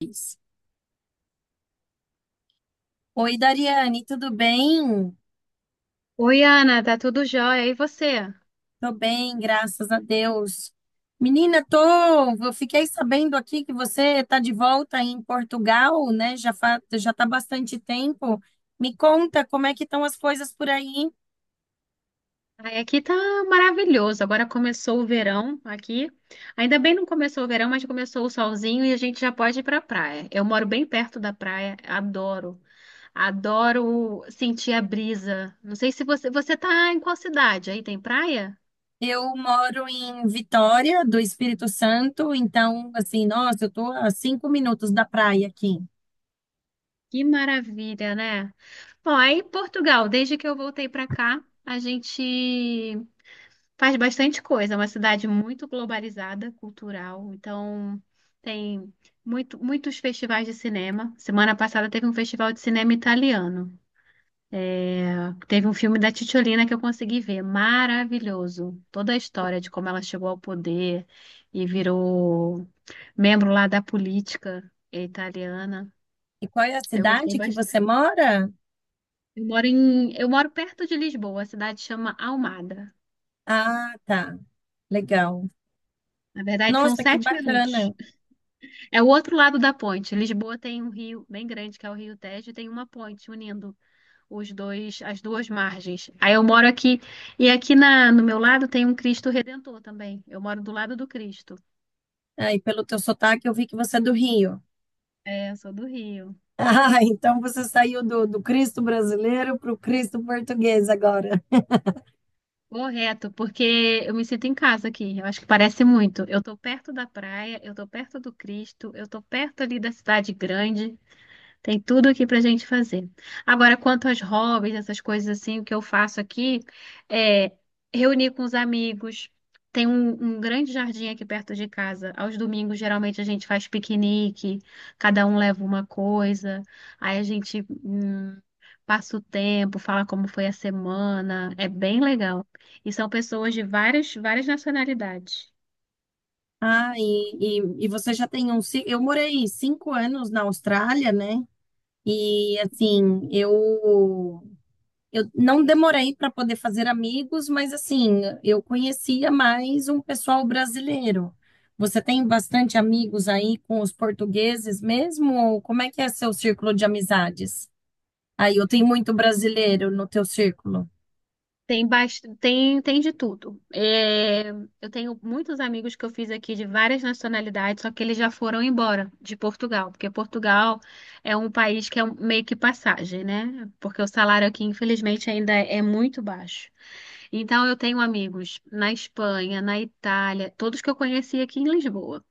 Isso. Oi, Dariane, tudo bem? Oi, Ana, tá tudo jóia? E você? Tô bem, graças a Deus. Menina, eu fiquei sabendo aqui que você tá de volta em Portugal, né? Já tá bastante tempo. Me conta como é que estão as coisas por aí. Ai, aqui tá maravilhoso. Agora começou o verão aqui. Ainda bem não começou o verão, mas começou o solzinho e a gente já pode ir pra praia. Eu moro bem perto da praia, adoro. Adoro sentir a brisa. Não sei se você tá em qual cidade? Aí tem praia? Eu moro em Vitória, do Espírito Santo, então, assim, nossa, eu tô a 5 minutos da praia aqui. Que maravilha, né? Bom, aí em Portugal, desde que eu voltei pra cá, a gente faz bastante coisa, é uma cidade muito globalizada, cultural. Então, tem muitos festivais de cinema. Semana passada teve um festival de cinema italiano. É, teve um filme da Cicciolina que eu consegui ver. Maravilhoso. Toda a história de como ela chegou ao poder e virou membro lá da política italiana. E qual é a Eu gostei cidade que bastante. você mora? Eu moro perto de Lisboa, a cidade chama Almada. Ah, tá, legal. Na verdade, são Nossa, que sete minutos. bacana. É o outro lado da ponte. Lisboa tem um rio bem grande, que é o Rio Tejo, e tem uma ponte unindo os dois, as duas margens. Aí eu moro aqui, e aqui no meu lado tem um Cristo Redentor também. Eu moro do lado do Cristo. Ah, e pelo teu sotaque, eu vi que você é do Rio. É, eu sou do Rio. Ah, então você saiu do Cristo brasileiro para o Cristo português agora. Correto, porque eu me sinto em casa aqui. Eu acho que parece muito. Eu tô perto da praia, eu tô perto do Cristo, eu tô perto ali da cidade grande. Tem tudo aqui pra gente fazer. Agora, quanto aos hobbies, essas coisas assim, o que eu faço aqui é reunir com os amigos. Tem um grande jardim aqui perto de casa. Aos domingos, geralmente, a gente faz piquenique, cada um leva uma coisa, aí a gente passa o tempo, fala como foi a semana. É bem legal. E são pessoas de várias nacionalidades. Ah, e você já tem um. Ci- Eu morei 5 anos na Austrália, né? E assim, eu não demorei para poder fazer amigos, mas assim, eu conhecia mais um pessoal brasileiro. Você tem bastante amigos aí com os portugueses mesmo? Ou como é que é seu círculo de amizades? Aí eu tenho muito brasileiro no teu círculo. Tem de tudo. É, eu tenho muitos amigos que eu fiz aqui de várias nacionalidades, só que eles já foram embora de Portugal, porque Portugal é um país que meio que passagem, né? Porque o salário aqui, infelizmente, ainda é muito baixo. Então, eu tenho amigos na Espanha, na Itália, todos que eu conheci aqui em Lisboa,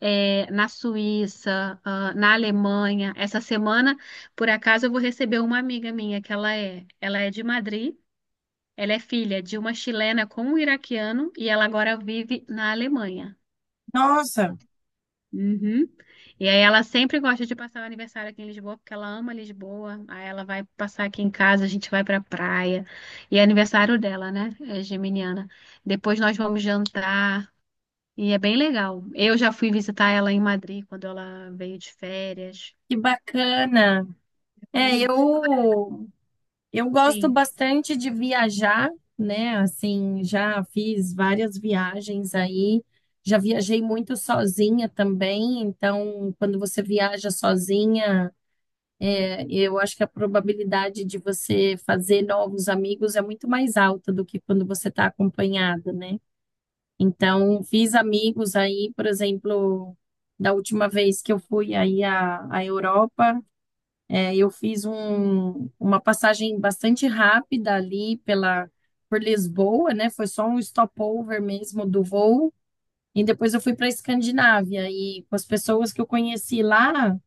é, na Suíça, ah, na Alemanha. Essa semana, por acaso, eu vou receber uma amiga minha, que ela é de Madrid. Ela é filha de uma chilena com um iraquiano e ela agora vive na Alemanha. Nossa, Uhum. E aí ela sempre gosta de passar o aniversário aqui em Lisboa, porque ela ama Lisboa. Aí ela vai passar aqui em casa, a gente vai pra praia. E é aniversário dela, né? É geminiana. Depois nós vamos jantar. E é bem legal. Eu já fui visitar ela em Madrid quando ela veio de férias. que bacana. É, Bonito. eu gosto Sim. bastante de viajar, né? Assim, já fiz várias viagens aí. Já viajei muito sozinha também, então quando você viaja sozinha, eu acho que a probabilidade de você fazer novos amigos é muito mais alta do que quando você está acompanhada, né? Então, fiz amigos aí, por exemplo, da última vez que eu fui aí à Europa, eu fiz uma passagem bastante rápida ali por Lisboa, né? Foi só um stopover mesmo do voo. E depois eu fui para a Escandinávia e com as pessoas que eu conheci lá,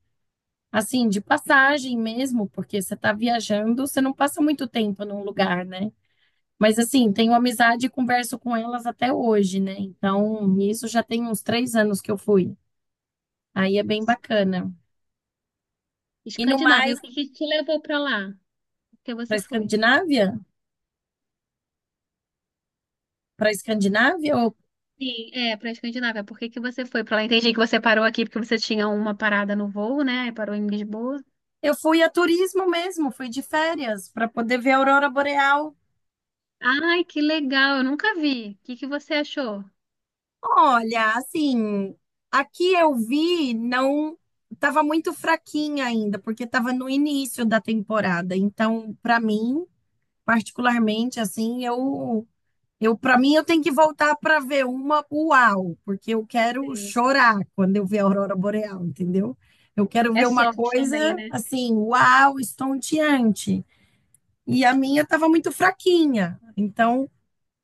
assim, de passagem mesmo, porque você está viajando, você não passa muito tempo num lugar, né? Mas assim, tenho amizade e converso com elas até hoje, né? Então, isso já tem uns 3 anos que eu fui. Aí é bem bacana. E no Escandinávia, mais, o que que te levou pra lá? Por que para você foi? Escandinávia? Para Escandinávia? Eu, Sim, é, pra Escandinávia. Por que que você foi pra lá? Entendi que você parou aqui porque você tinha uma parada no voo, né? Aí parou em Lisboa. eu fui a turismo mesmo, fui de férias para poder ver a aurora boreal. Ai, que legal, eu nunca vi. O que que você achou? Olha, assim, aqui eu vi, não estava muito fraquinha ainda, porque estava no início da temporada. Então, para mim, particularmente, assim, para mim, eu tenho que voltar para ver uma uau, porque eu quero Sim. chorar quando eu ver a aurora boreal, entendeu? Eu quero É ver uma sorte também, coisa né? assim, uau, estonteante. E a minha estava muito fraquinha, então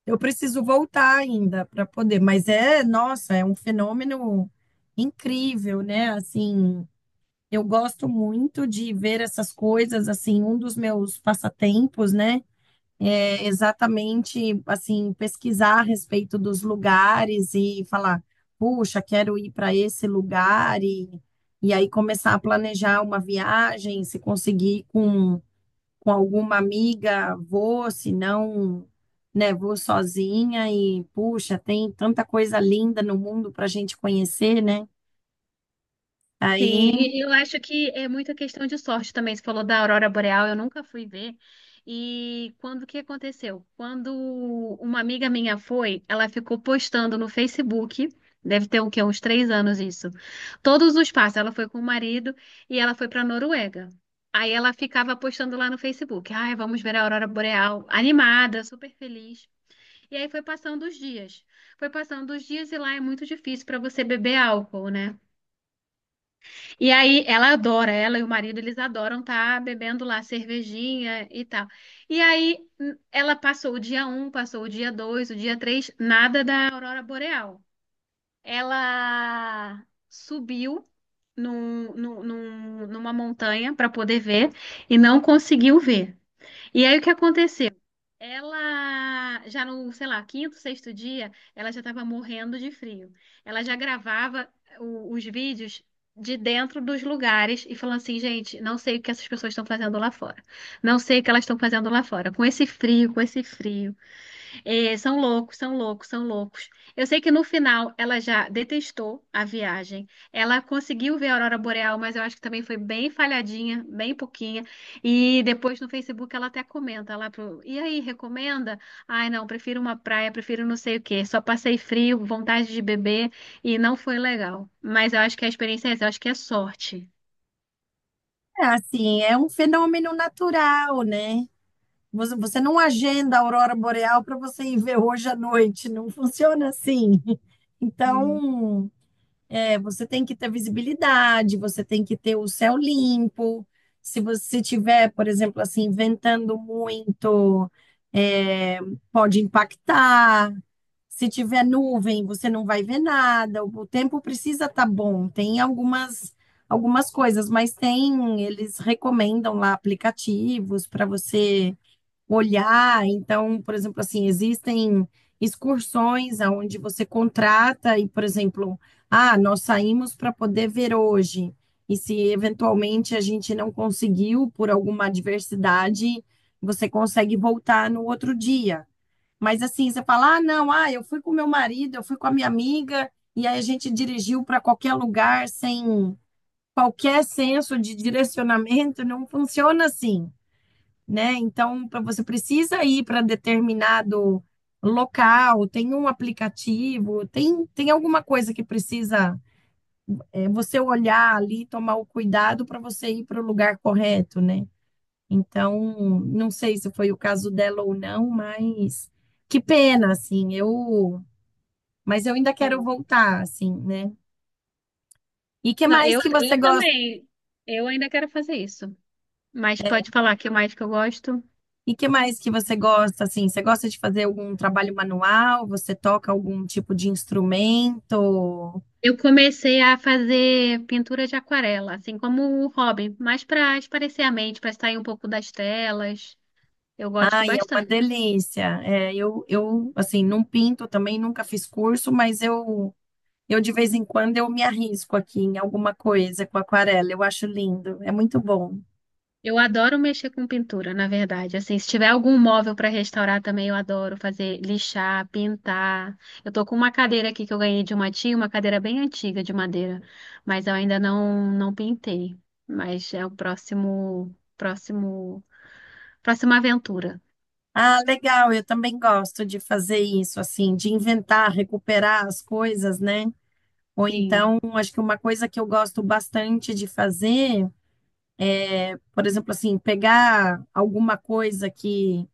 eu preciso voltar ainda para poder. Mas é, nossa, é um fenômeno incrível, né? Assim, eu gosto muito de ver essas coisas. Assim, um dos meus passatempos, né? Exatamente assim pesquisar a respeito dos lugares e falar, puxa, quero ir para esse lugar e aí começar a planejar uma viagem, se conseguir com alguma amiga, vou, se não, né, vou sozinha e puxa, tem tanta coisa linda no mundo para a gente conhecer, né? Sim, Aí, e eu acho que é muita questão de sorte também. Você falou da aurora boreal, eu nunca fui ver. E quando que aconteceu? Quando uma amiga minha foi, ela ficou postando no Facebook, deve ter o quê? Uns três anos isso. Todos os passos, ela foi com o marido e ela foi para Noruega. Aí ela ficava postando lá no Facebook, ai, vamos ver a aurora boreal, animada, super feliz. E aí foi passando os dias. Foi passando os dias e lá é muito difícil para você beber álcool, né? E aí ela adora, ela e o marido, eles adoram estar bebendo lá cervejinha e tal. E aí ela passou o dia um, passou o dia 2, o dia 3 nada da aurora boreal. Ela subiu numa montanha para poder ver e não conseguiu ver. E aí o que aconteceu? Ela já no, sei lá, quinto, sexto dia, ela já estava morrendo de frio. Ela já gravava os vídeos de dentro dos lugares e falando assim, gente, não sei o que essas pessoas estão fazendo lá fora. Não sei o que elas estão fazendo lá fora. Com esse frio, com esse frio. É, são loucos, são loucos, são loucos. Eu sei que no final ela já detestou a viagem. Ela conseguiu ver a aurora boreal, mas eu acho que também foi bem falhadinha, bem pouquinha. E depois no Facebook ela até comenta lá e aí, recomenda? Ai, não, prefiro uma praia, prefiro não sei o quê. Só passei frio, vontade de beber e não foi legal. Mas eu acho que a experiência é essa, eu acho que é sorte. é assim, é um fenômeno natural, né? Você não agenda a aurora boreal para você ir ver hoje à noite, não funciona assim. Sim, Então, você tem que ter visibilidade, você tem que ter o céu limpo. Se você tiver, por exemplo, assim, ventando muito, é, pode impactar. Se tiver nuvem, você não vai ver nada. O tempo precisa estar bom. Tem algumas coisas, mas tem, eles recomendam lá aplicativos para você olhar. Então, por exemplo, assim, existem excursões aonde você contrata e, por exemplo, ah, nós saímos para poder ver hoje. E se eventualmente a gente não conseguiu por alguma adversidade, você consegue voltar no outro dia. Mas assim, você fala, ah, não, ah, eu fui com meu marido, eu fui com a minha amiga, e aí a gente dirigiu para qualquer lugar sem qualquer senso de direcionamento, não funciona assim, né? Então, você precisa ir para determinado local, tem um aplicativo, tem alguma coisa que precisa, você olhar ali, tomar o cuidado para você ir para o lugar correto, né? Então, não sei se foi o caso dela ou não, mas que pena, assim, mas eu ainda quero sim. voltar, assim, né? E que Não, mais eu, que você eu gosta? também. Eu ainda quero fazer isso. Mas pode falar que mais que eu gosto. E que mais que você gosta, assim? Você gosta de fazer algum trabalho manual? Você toca algum tipo de instrumento? Eu comecei a fazer pintura de aquarela, assim como o Robin, mas para espairecer a mente, para sair um pouco das telas. Eu gosto Ai, é uma bastante. delícia. É, assim, não pinto também, nunca fiz curso, mas eu de vez em quando eu me arrisco aqui em alguma coisa com aquarela. Eu acho lindo, é muito bom. Eu adoro mexer com pintura, na verdade. Assim, se tiver algum móvel para restaurar também, eu adoro fazer lixar, pintar. Eu tô com uma cadeira aqui que eu ganhei de uma tia, uma cadeira bem antiga de madeira, mas eu ainda não pintei. Mas é o próximo próximo próxima aventura. Ah, legal, eu também gosto de fazer isso, assim, de inventar, recuperar as coisas, né? Ou Sim. então, acho que uma coisa que eu gosto bastante de fazer. Por exemplo, assim, pegar alguma coisa que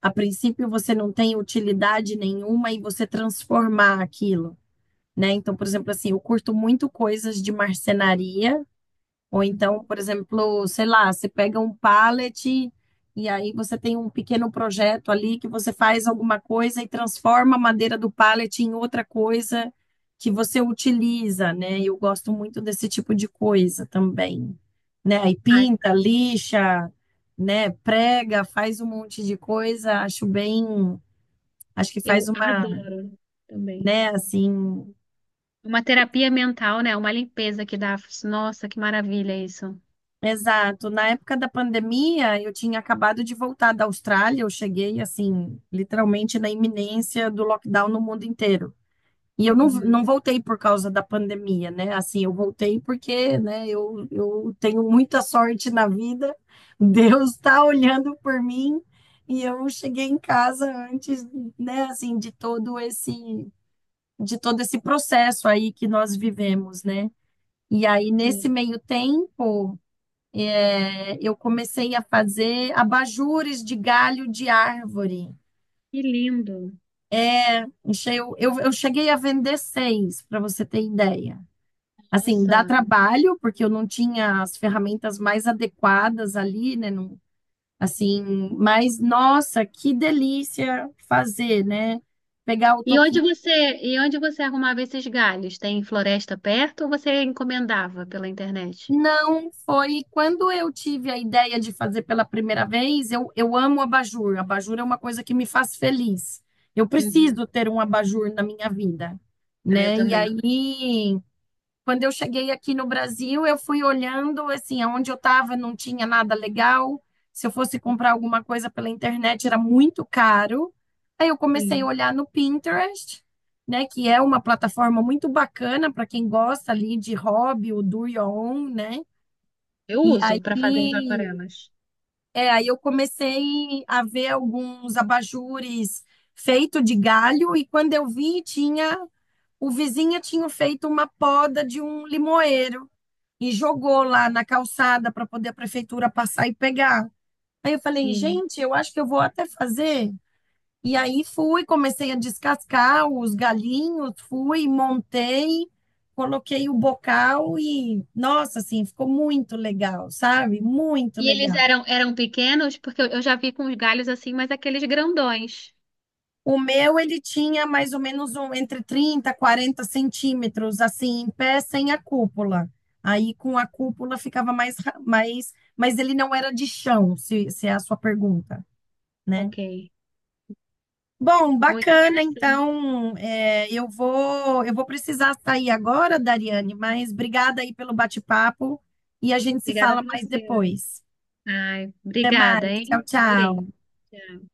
a princípio você não tem utilidade nenhuma e você transformar aquilo, né? Então, por exemplo, assim, eu curto muito coisas de marcenaria ou então, Uhum. por exemplo, sei lá, você pega um pallet e aí você tem um pequeno projeto ali que você faz alguma coisa e transforma a madeira do pallet em outra coisa que você utiliza, né? Eu gosto muito desse tipo de coisa também, né? Aí Ai, pinta, lixa, né? Prega, faz um monte de coisa, acho bem, acho que faz eu uma, adoro também. né, assim. Uma terapia mental, né? Uma limpeza que dá. Nossa, que maravilha isso. Exato. Na época da pandemia, eu tinha acabado de voltar da Austrália, eu cheguei assim, literalmente na iminência do lockdown no mundo inteiro. E eu não, Uhum. não voltei por causa da pandemia, né? Assim, eu voltei porque, né, eu tenho muita sorte na vida, Deus está olhando por mim e eu cheguei em casa antes, né, assim, de todo esse processo aí que nós vivemos, né? E aí, nesse Sim. meio tempo, eu comecei a fazer abajures de galho de árvore. Que lindo. Eu cheguei a vender seis, para você ter ideia. Assim, dá Nossa. trabalho, porque eu não tinha as ferramentas mais adequadas ali, né? Assim, mas nossa, que delícia fazer, né? Pegar o E onde toquinho. você, e onde você arrumava esses galhos? Tem floresta perto ou você encomendava pela internet? Não, foi quando eu tive a ideia de fazer pela primeira vez. Eu amo abajur. Abajur é uma coisa que me faz feliz. Eu Uhum. preciso ter um abajur na minha vida, Ah, eu né? E também. aí, quando eu cheguei aqui no Brasil, eu fui olhando, assim, aonde eu estava não tinha nada legal. Se eu fosse comprar alguma coisa pela internet, era muito caro. Aí eu comecei a Sim. olhar no Pinterest, né? Que é uma plataforma muito bacana para quem gosta ali de hobby, o do your own, né? Eu E uso para fazer as aí, aquarelas. Aí eu comecei a ver alguns abajures feito de galho e quando eu vi, tinha o vizinho tinha feito uma poda de um limoeiro e jogou lá na calçada para poder a prefeitura passar e pegar. Aí eu falei, Sim. gente, eu acho que eu vou até fazer. E aí fui, comecei a descascar os galinhos, fui, montei, coloquei o bocal e, nossa, assim, ficou muito legal, sabe? Muito E eles legal. eram pequenos porque eu já vi com os galhos assim, mas aqueles grandões. O meu, ele tinha mais ou menos entre 30 40 centímetros, assim, em pé, sem a cúpula. Aí, com a cúpula, ficava mais, mais. Mas ele não era de chão, se é a sua pergunta, né? Ok. Bom, Muito bacana, interessante. então, eu vou precisar sair agora, Dariane, mas obrigada aí pelo bate-papo e a gente se Obrigada a fala mais você. depois. Ai, Até obrigada, mais, hein? tchau, Adorei. tchau. Tchau.